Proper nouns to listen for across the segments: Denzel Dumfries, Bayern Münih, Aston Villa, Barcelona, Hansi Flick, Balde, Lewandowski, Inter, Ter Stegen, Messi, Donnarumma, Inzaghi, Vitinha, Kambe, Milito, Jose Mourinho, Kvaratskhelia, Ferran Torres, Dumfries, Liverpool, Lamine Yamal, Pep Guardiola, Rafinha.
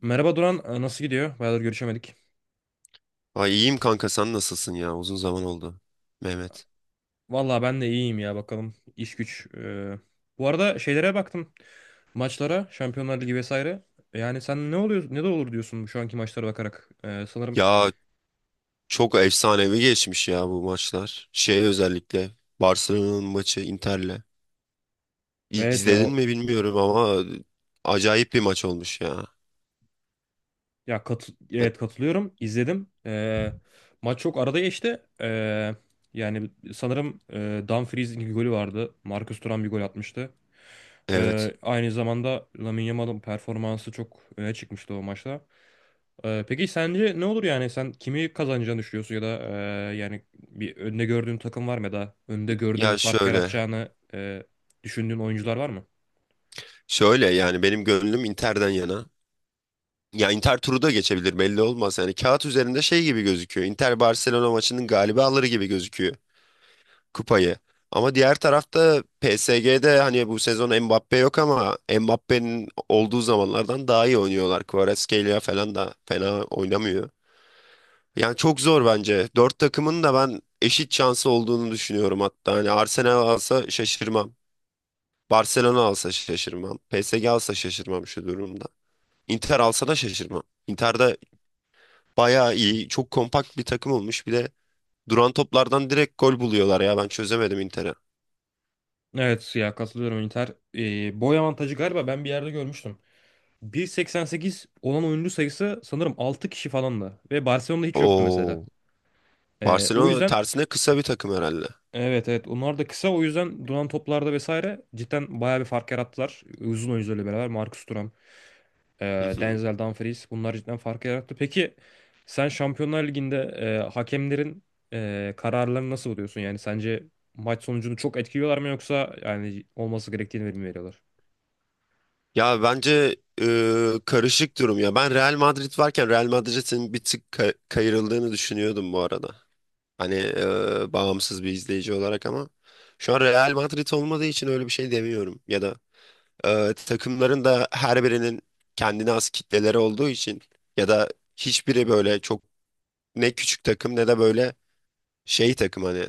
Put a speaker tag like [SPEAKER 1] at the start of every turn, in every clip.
[SPEAKER 1] Merhaba Duran, nasıl gidiyor? Bayağıdır görüşemedik.
[SPEAKER 2] Ay iyiyim kanka sen nasılsın ya? Uzun zaman oldu. Mehmet.
[SPEAKER 1] Vallahi ben de iyiyim ya bakalım. İş güç. Bu arada şeylere baktım. Maçlara, Şampiyonlar Ligi vesaire. Yani sen ne oluyor, ne de olur diyorsun şu anki maçlara bakarak. Sanırım
[SPEAKER 2] Ya çok efsanevi geçmiş ya bu maçlar. Şey özellikle Barcelona'nın maçı Inter'le.
[SPEAKER 1] evet ya
[SPEAKER 2] İzledin
[SPEAKER 1] o
[SPEAKER 2] mi bilmiyorum ama acayip bir maç olmuş ya.
[SPEAKER 1] evet katılıyorum. İzledim. Maç çok arada geçti. Yani sanırım Dumfries'in bir golü vardı. Marcus Thuram bir gol atmıştı.
[SPEAKER 2] Evet.
[SPEAKER 1] Aynı zamanda Lamine Yamal'ın performansı çok öne çıkmıştı o maçta. Peki sence ne olur, yani sen kimi kazanacağını düşünüyorsun, ya da yani bir önde gördüğün takım var mı, ya da önde gördüğün,
[SPEAKER 2] Ya
[SPEAKER 1] fark
[SPEAKER 2] şöyle.
[SPEAKER 1] yaratacağını düşündüğün oyuncular var mı?
[SPEAKER 2] Şöyle yani benim gönlüm Inter'den yana. Ya Inter turu da geçebilir belli olmaz. Yani kağıt üzerinde şey gibi gözüküyor. Inter Barcelona maçının galibi alır gibi gözüküyor kupayı. Ama diğer tarafta PSG'de hani bu sezon Mbappe yok ama Mbappe'nin olduğu zamanlardan daha iyi oynuyorlar. Kvaratskhelia falan da fena oynamıyor. Yani çok zor bence. Dört takımın da ben eşit şansı olduğunu düşünüyorum hatta. Hani Arsenal alsa şaşırmam. Barcelona alsa şaşırmam. PSG alsa şaşırmam şu durumda. Inter alsa da şaşırmam. Inter'de bayağı iyi, çok kompakt bir takım olmuş. Bir de duran toplardan direkt gol buluyorlar ya. Ben çözemedim Inter'i.
[SPEAKER 1] Evet ya katılıyorum, Inter. Boy avantajı galiba ben bir yerde görmüştüm. 1,88 olan oyuncu sayısı sanırım 6 kişi falandı ve Barcelona'da hiç yoktu mesela.
[SPEAKER 2] Oo.
[SPEAKER 1] O
[SPEAKER 2] Barcelona
[SPEAKER 1] yüzden
[SPEAKER 2] tersine kısa bir takım herhalde.
[SPEAKER 1] evet evet onlar da kısa, o yüzden duran toplarda vesaire cidden bayağı bir fark yarattılar. Uzun oyuncularla beraber Marcus Thuram,
[SPEAKER 2] Hı hı.
[SPEAKER 1] Denzel Dumfries, bunlar cidden fark yarattı. Peki sen Şampiyonlar Ligi'nde hakemlerin kararlarını nasıl buluyorsun? Yani sence maç sonucunu çok etkiliyorlar mı, yoksa yani olması gerektiğini mi veriyorlar?
[SPEAKER 2] Ya bence karışık durum ya. Ben Real Madrid varken Real Madrid'in bir tık kayırıldığını düşünüyordum bu arada. Hani bağımsız bir izleyici olarak ama şu an Real Madrid olmadığı için öyle bir şey demiyorum. Ya da takımların da her birinin kendine has kitleleri olduğu için ya da hiçbiri böyle çok ne küçük takım ne de böyle şey takım hani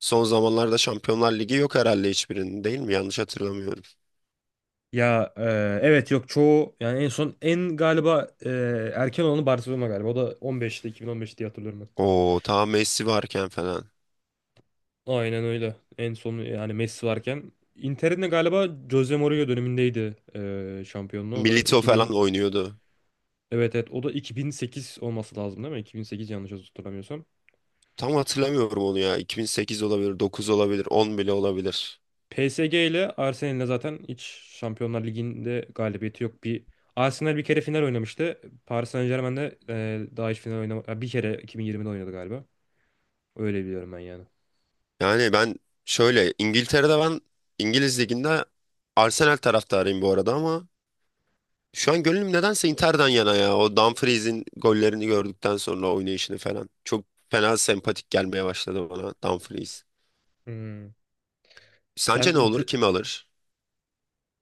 [SPEAKER 2] son zamanlarda Şampiyonlar Ligi yok herhalde hiçbirinin değil mi? Yanlış hatırlamıyorum.
[SPEAKER 1] Ya, evet yok çoğu, yani en son en galiba erken olanı Barcelona galiba. O da 15'te, 2015 diye hatırlıyorum ben.
[SPEAKER 2] O tam Messi varken falan.
[SPEAKER 1] Aynen öyle. En son yani Messi varken Inter'in de galiba Jose Mourinho dönemindeydi şampiyonluğu. O da
[SPEAKER 2] Milito falan
[SPEAKER 1] 2000.
[SPEAKER 2] oynuyordu.
[SPEAKER 1] Evet evet o da 2008 olması lazım değil mi? 2008 yanlış hatırlamıyorsam.
[SPEAKER 2] Tam hatırlamıyorum onu ya. 2008 olabilir, 9 olabilir, 10 bile olabilir.
[SPEAKER 1] PSG ile Arsenal'le zaten hiç Şampiyonlar Ligi'nde galibiyeti yok. Bir Arsenal bir kere final oynamıştı. Paris Saint-Germain'de daha hiç final oynamadı. Bir kere 2020'de oynadı galiba. Öyle biliyorum ben yani.
[SPEAKER 2] Yani ben şöyle İngiltere'de ben İngiliz liginde Arsenal taraftarıyım bu arada ama şu an gönlüm nedense Inter'den yana ya. O Dumfries'in gollerini gördükten sonra oynayışını falan. Çok fena sempatik gelmeye başladı bana Dumfries.
[SPEAKER 1] Hmm. Sen
[SPEAKER 2] Sence ne
[SPEAKER 1] inti
[SPEAKER 2] olur? Kim alır?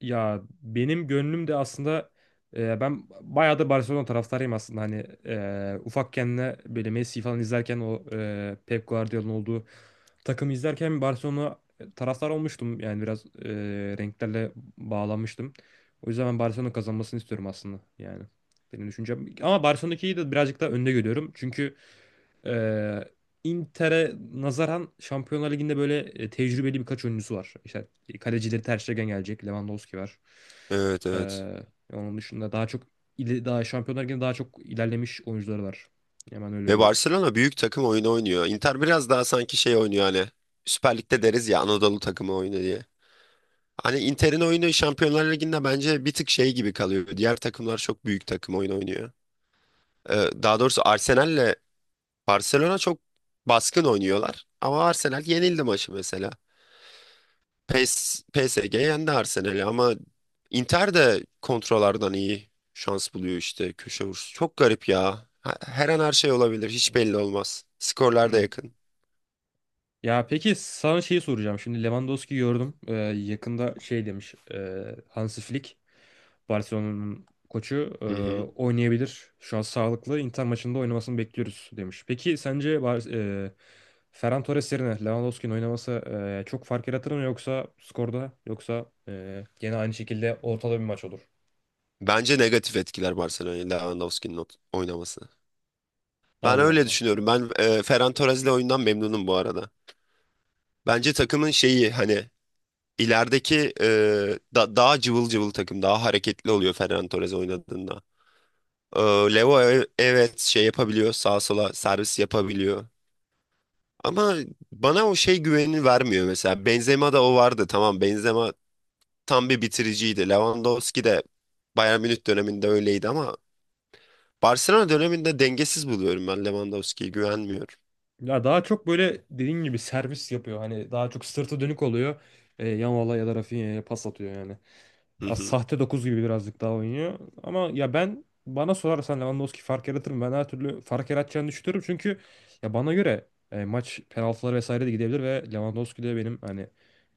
[SPEAKER 1] Ya benim gönlüm de aslında, ben bayağı da Barcelona taraftarıyım aslında, hani ufakken de böyle Messi falan izlerken, o Pep Guardiola'nın olduğu takımı izlerken Barcelona taraftar olmuştum, yani biraz renklerle bağlanmıştım. O yüzden ben Barcelona kazanmasını istiyorum aslında, yani benim düşüncem. Ama Barcelona'daki de birazcık daha önde görüyorum, çünkü ee, Inter'e nazaran Şampiyonlar Ligi'nde böyle tecrübeli birkaç oyuncusu var. İşte kalecileri Ter Stegen gelecek, Lewandowski var.
[SPEAKER 2] Evet evet.
[SPEAKER 1] Ee, Onun dışında daha çok, daha Şampiyonlar Ligi'nde daha çok ilerlemiş oyuncuları var. Hemen öyle
[SPEAKER 2] Ve
[SPEAKER 1] görüyorum.
[SPEAKER 2] Barcelona büyük takım oyunu oynuyor. Inter biraz daha sanki şey oynuyor hani. Süper Lig'de deriz ya Anadolu takımı oyunu diye. Hani Inter'in oyunu Şampiyonlar Ligi'nde bence bir tık şey gibi kalıyor. Diğer takımlar çok büyük takım oyunu oynuyor. Daha doğrusu Arsenal'le Barcelona çok baskın oynuyorlar. Ama Arsenal yenildi maçı mesela. PSG yendi Arsenal'i ama Inter de kontrolardan iyi şans buluyor işte köşe vuruşu. Çok garip ya. Her an her şey olabilir. Hiç belli olmaz. Skorlar da
[SPEAKER 1] Hı.
[SPEAKER 2] yakın.
[SPEAKER 1] Ya peki sana şeyi soracağım. Şimdi Lewandowski gördüm. Yakında şey demiş. Hansi Flick, Barcelona'nın koçu,
[SPEAKER 2] Hı hı.
[SPEAKER 1] oynayabilir. Şu an sağlıklı. Inter maçında oynamasını bekliyoruz demiş. Peki sence e, Ferran Torres yerine Lewandowski'nin oynaması çok fark yaratır mı yoksa skorda, yoksa gene aynı şekilde ortada bir maç olur?
[SPEAKER 2] Bence negatif etkiler Barcelona'yı Lewandowski'nin oynaması. Ben
[SPEAKER 1] Allah
[SPEAKER 2] öyle
[SPEAKER 1] Allah.
[SPEAKER 2] düşünüyorum. Ben Ferran Torres'le oyundan memnunum bu arada. Bence takımın şeyi hani ilerideki daha cıvıl cıvıl takım, daha hareketli oluyor Ferran Torres oynadığında. E, Leo evet şey yapabiliyor, sağa sola servis yapabiliyor. Ama bana o şey güvenini vermiyor mesela. Benzema'da o vardı. Tamam Benzema tam bir bitiriciydi. Lewandowski de Bayern Münih döneminde öyleydi ama Barcelona döneminde dengesiz buluyorum ben Lewandowski'yi güvenmiyorum.
[SPEAKER 1] Ya daha çok böyle dediğin gibi servis yapıyor. Hani daha çok sırtı dönük oluyor. Yamal'a ya da Rafinha'ya pas atıyor yani.
[SPEAKER 2] Hı
[SPEAKER 1] Ya
[SPEAKER 2] hı,
[SPEAKER 1] sahte 9 gibi birazcık daha oynuyor. Ama ya, ben bana sorarsan Lewandowski fark yaratır mı? Ben her türlü fark yaratacağını düşünüyorum. Çünkü ya bana göre maç penaltılara vesaire de gidebilir ve Lewandowski de benim hani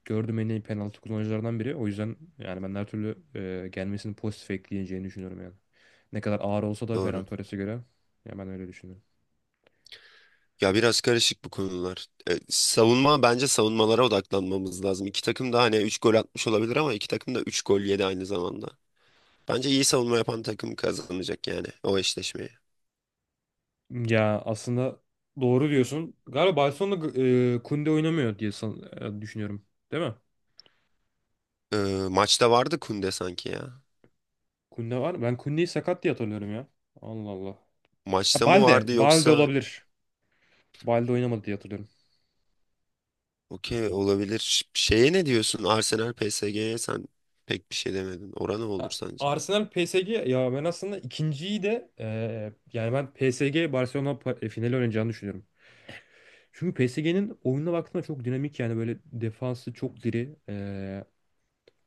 [SPEAKER 1] gördüğüm en iyi penaltı kullanıcılarından biri. O yüzden yani ben her türlü gelmesini pozitif ekleyeceğini düşünüyorum yani. Ne kadar ağır olsa da Ferran
[SPEAKER 2] doğru.
[SPEAKER 1] Torres'e göre, ya ben öyle düşünüyorum.
[SPEAKER 2] Ya biraz karışık bu konular. Savunma bence savunmalara odaklanmamız lazım. İki takım da hani 3 gol atmış olabilir ama iki takım da 3 gol yedi aynı zamanda. Bence iyi savunma yapan takım kazanacak yani o eşleşmeyi.
[SPEAKER 1] Ya aslında doğru diyorsun. Galiba Barcelona'da Kunde oynamıyor diye düşünüyorum. Değil mi?
[SPEAKER 2] E, maçta vardı Kunde sanki ya.
[SPEAKER 1] Kunde var mı? Ben Kunde'yi sakat diye hatırlıyorum ya. Allah Allah. Ha,
[SPEAKER 2] Maçta mı
[SPEAKER 1] Balde.
[SPEAKER 2] vardı
[SPEAKER 1] Balde
[SPEAKER 2] yoksa
[SPEAKER 1] olabilir. Balde oynamadı diye hatırlıyorum.
[SPEAKER 2] Okey olabilir. Şeye ne diyorsun? Arsenal PSG'ye sen pek bir şey demedin. Oran ne olur
[SPEAKER 1] Ha,
[SPEAKER 2] sence?
[SPEAKER 1] Arsenal PSG, ya ben aslında ikinciyi de, yani ben PSG Barcelona finali oynayacağını düşünüyorum. Çünkü PSG'nin oyununa baktığında çok dinamik, yani böyle defansı çok diri.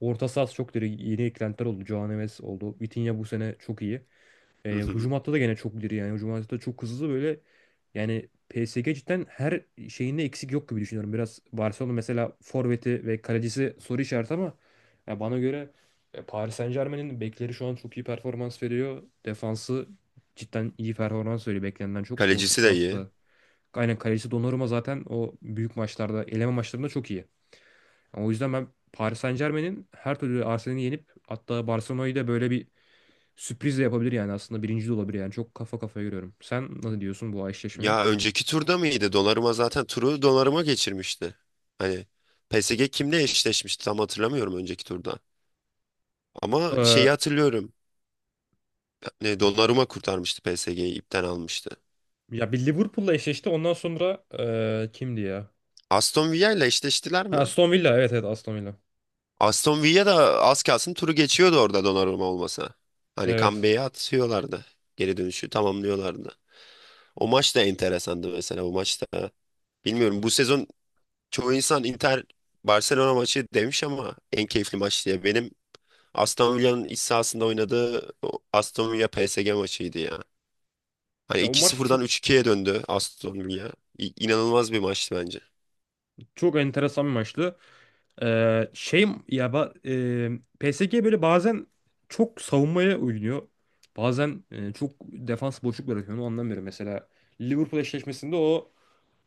[SPEAKER 1] Orta sahası çok diri. Yeni eklentiler oldu. Joao Neves oldu. Vitinha bu sene çok iyi.
[SPEAKER 2] Hı hı.
[SPEAKER 1] Hücum hattı da gene çok diri yani. Hücum hattı da çok hızlı böyle. Yani PSG cidden her şeyinde eksik yok gibi düşünüyorum. Biraz Barcelona mesela forveti ve kalecisi soru işareti, ama ya bana göre Paris Saint-Germain'in bekleri şu an çok iyi performans veriyor. Defansı cidden iyi performans veriyor beklenenden çok. Orta
[SPEAKER 2] Kalecisi de
[SPEAKER 1] sahası
[SPEAKER 2] iyi.
[SPEAKER 1] da. Aynen, kalecisi Donnarumma zaten o büyük maçlarda, eleme maçlarında çok iyi. O yüzden ben Paris Saint-Germain'in her türlü Arsenal'i yenip hatta Barcelona'yı da böyle bir sürpriz de yapabilir yani, aslında birinci de olabilir yani, çok kafa kafaya görüyorum. Sen ne diyorsun bu eşleşmeye?
[SPEAKER 2] Ya önceki turda mıydı? Donnarumma zaten turu Donnarumma geçirmişti. Hani PSG kimle eşleşmişti tam hatırlamıyorum önceki turda. Ama
[SPEAKER 1] Ee,
[SPEAKER 2] şeyi hatırlıyorum. Ne, Donnarumma kurtarmıştı PSG'yi ipten almıştı.
[SPEAKER 1] Ya bir Liverpool'la eşleşti ondan sonra, kimdi ya?
[SPEAKER 2] Aston Villa ile eşleştiler
[SPEAKER 1] Ha,
[SPEAKER 2] mi?
[SPEAKER 1] Aston Villa, evet evet Aston Villa.
[SPEAKER 2] Aston Villa da az kalsın turu geçiyordu orada Donnarumma olmasa. Hani
[SPEAKER 1] Evet.
[SPEAKER 2] Kambe'yi atıyorlardı. Geri dönüşü tamamlıyorlardı. O maç da enteresandı mesela. O maçta bilmiyorum bu sezon çoğu insan Inter Barcelona maçı demiş ama en keyifli maç diye. Benim Aston Villa'nın iç sahasında oynadığı o Aston Villa PSG maçıydı ya. Hani
[SPEAKER 1] Ya o maç da
[SPEAKER 2] 2-0'dan
[SPEAKER 1] çok
[SPEAKER 2] üç 2'ye döndü Aston Villa. İnanılmaz bir maçtı bence.
[SPEAKER 1] çok enteresan bir maçtı. Şey ya, PSG böyle bazen çok savunmaya oynuyor. Bazen çok defans boşluk bırakıyor. Onu anlamıyorum. Mesela Liverpool eşleşmesinde o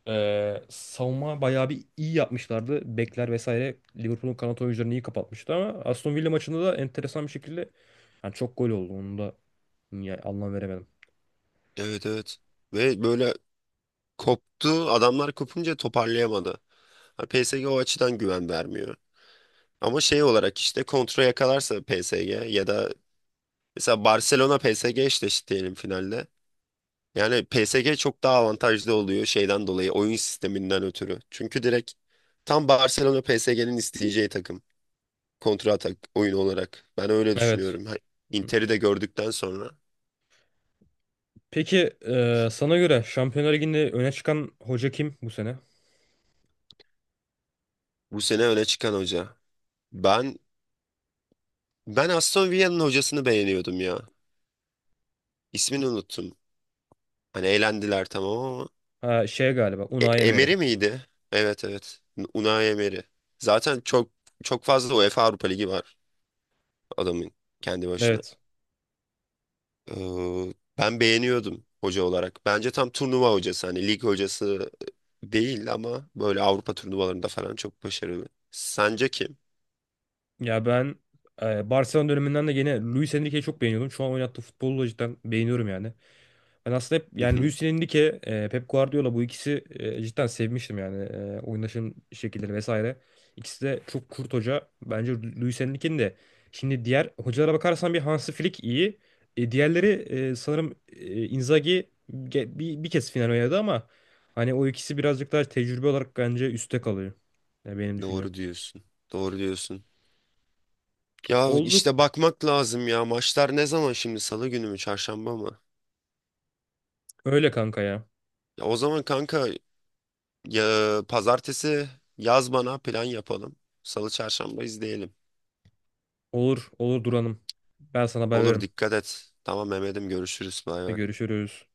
[SPEAKER 1] Savunma bayağı bir iyi yapmışlardı. Bekler vesaire Liverpool'un kanat oyuncularını iyi kapatmıştı, ama Aston Villa maçında da enteresan bir şekilde yani çok gol oldu. Onu da ya, anlam veremedim.
[SPEAKER 2] Evet evet. Ve böyle koptu. Adamlar kopunca toparlayamadı. Hani PSG o açıdan güven vermiyor. Ama şey olarak işte kontra yakalarsa PSG ya da mesela Barcelona PSG eşleşti diyelim finalde. Yani PSG çok daha avantajlı oluyor şeyden dolayı oyun sisteminden ötürü. Çünkü direkt tam Barcelona PSG'nin isteyeceği takım. Kontra atak oyunu olarak. Ben öyle
[SPEAKER 1] Evet.
[SPEAKER 2] düşünüyorum. Inter'i de gördükten sonra.
[SPEAKER 1] Peki sana göre Şampiyonlar Ligi'nde öne çıkan hoca kim bu sene?
[SPEAKER 2] Bu sene öne çıkan hoca. Ben ben Aston Villa'nın hocasını beğeniyordum ya. İsmini unuttum. Hani eğlendiler tamam ama
[SPEAKER 1] Ha, şey galiba Unai Emery.
[SPEAKER 2] Emery miydi? Evet evet. Unai Emery. Zaten çok çok fazla UEFA Avrupa Ligi var adamın kendi başına.
[SPEAKER 1] Evet.
[SPEAKER 2] Ee, ben beğeniyordum hoca olarak. Bence tam turnuva hocası hani lig hocası değil ama böyle Avrupa turnuvalarında falan çok başarılı. Sence kim?
[SPEAKER 1] Ya ben Barcelona döneminden de yine Luis Enrique'yi çok beğeniyordum. Şu an oynattığı futbolu da cidden beğeniyorum yani. Ben aslında hep
[SPEAKER 2] Hı
[SPEAKER 1] yani
[SPEAKER 2] hı.
[SPEAKER 1] Luis Enrique, Pep Guardiola, bu ikisi cidden sevmiştim yani, oynaşım şekilleri vesaire. İkisi de çok kurt hoca. Bence Luis Enrique'nin de, şimdi diğer hocalara bakarsan bir Hansi Flick iyi. Diğerleri sanırım Inzaghi bir kez final oynadı ama hani o ikisi birazcık daha tecrübe olarak bence üstte kalıyor. Yani benim düşüncem.
[SPEAKER 2] Doğru diyorsun. Doğru diyorsun. Ya
[SPEAKER 1] Olduk
[SPEAKER 2] işte bakmak lazım ya. Maçlar ne zaman şimdi? Salı günü mü, çarşamba mı?
[SPEAKER 1] öyle kanka ya.
[SPEAKER 2] Ya o zaman kanka ya pazartesi yaz bana plan yapalım. Salı çarşamba izleyelim.
[SPEAKER 1] Olur olur Duran'ım. Ben sana haber
[SPEAKER 2] Olur
[SPEAKER 1] veririm.
[SPEAKER 2] dikkat et. Tamam Mehmet'im görüşürüz. Bay bay.
[SPEAKER 1] Görüşürüz.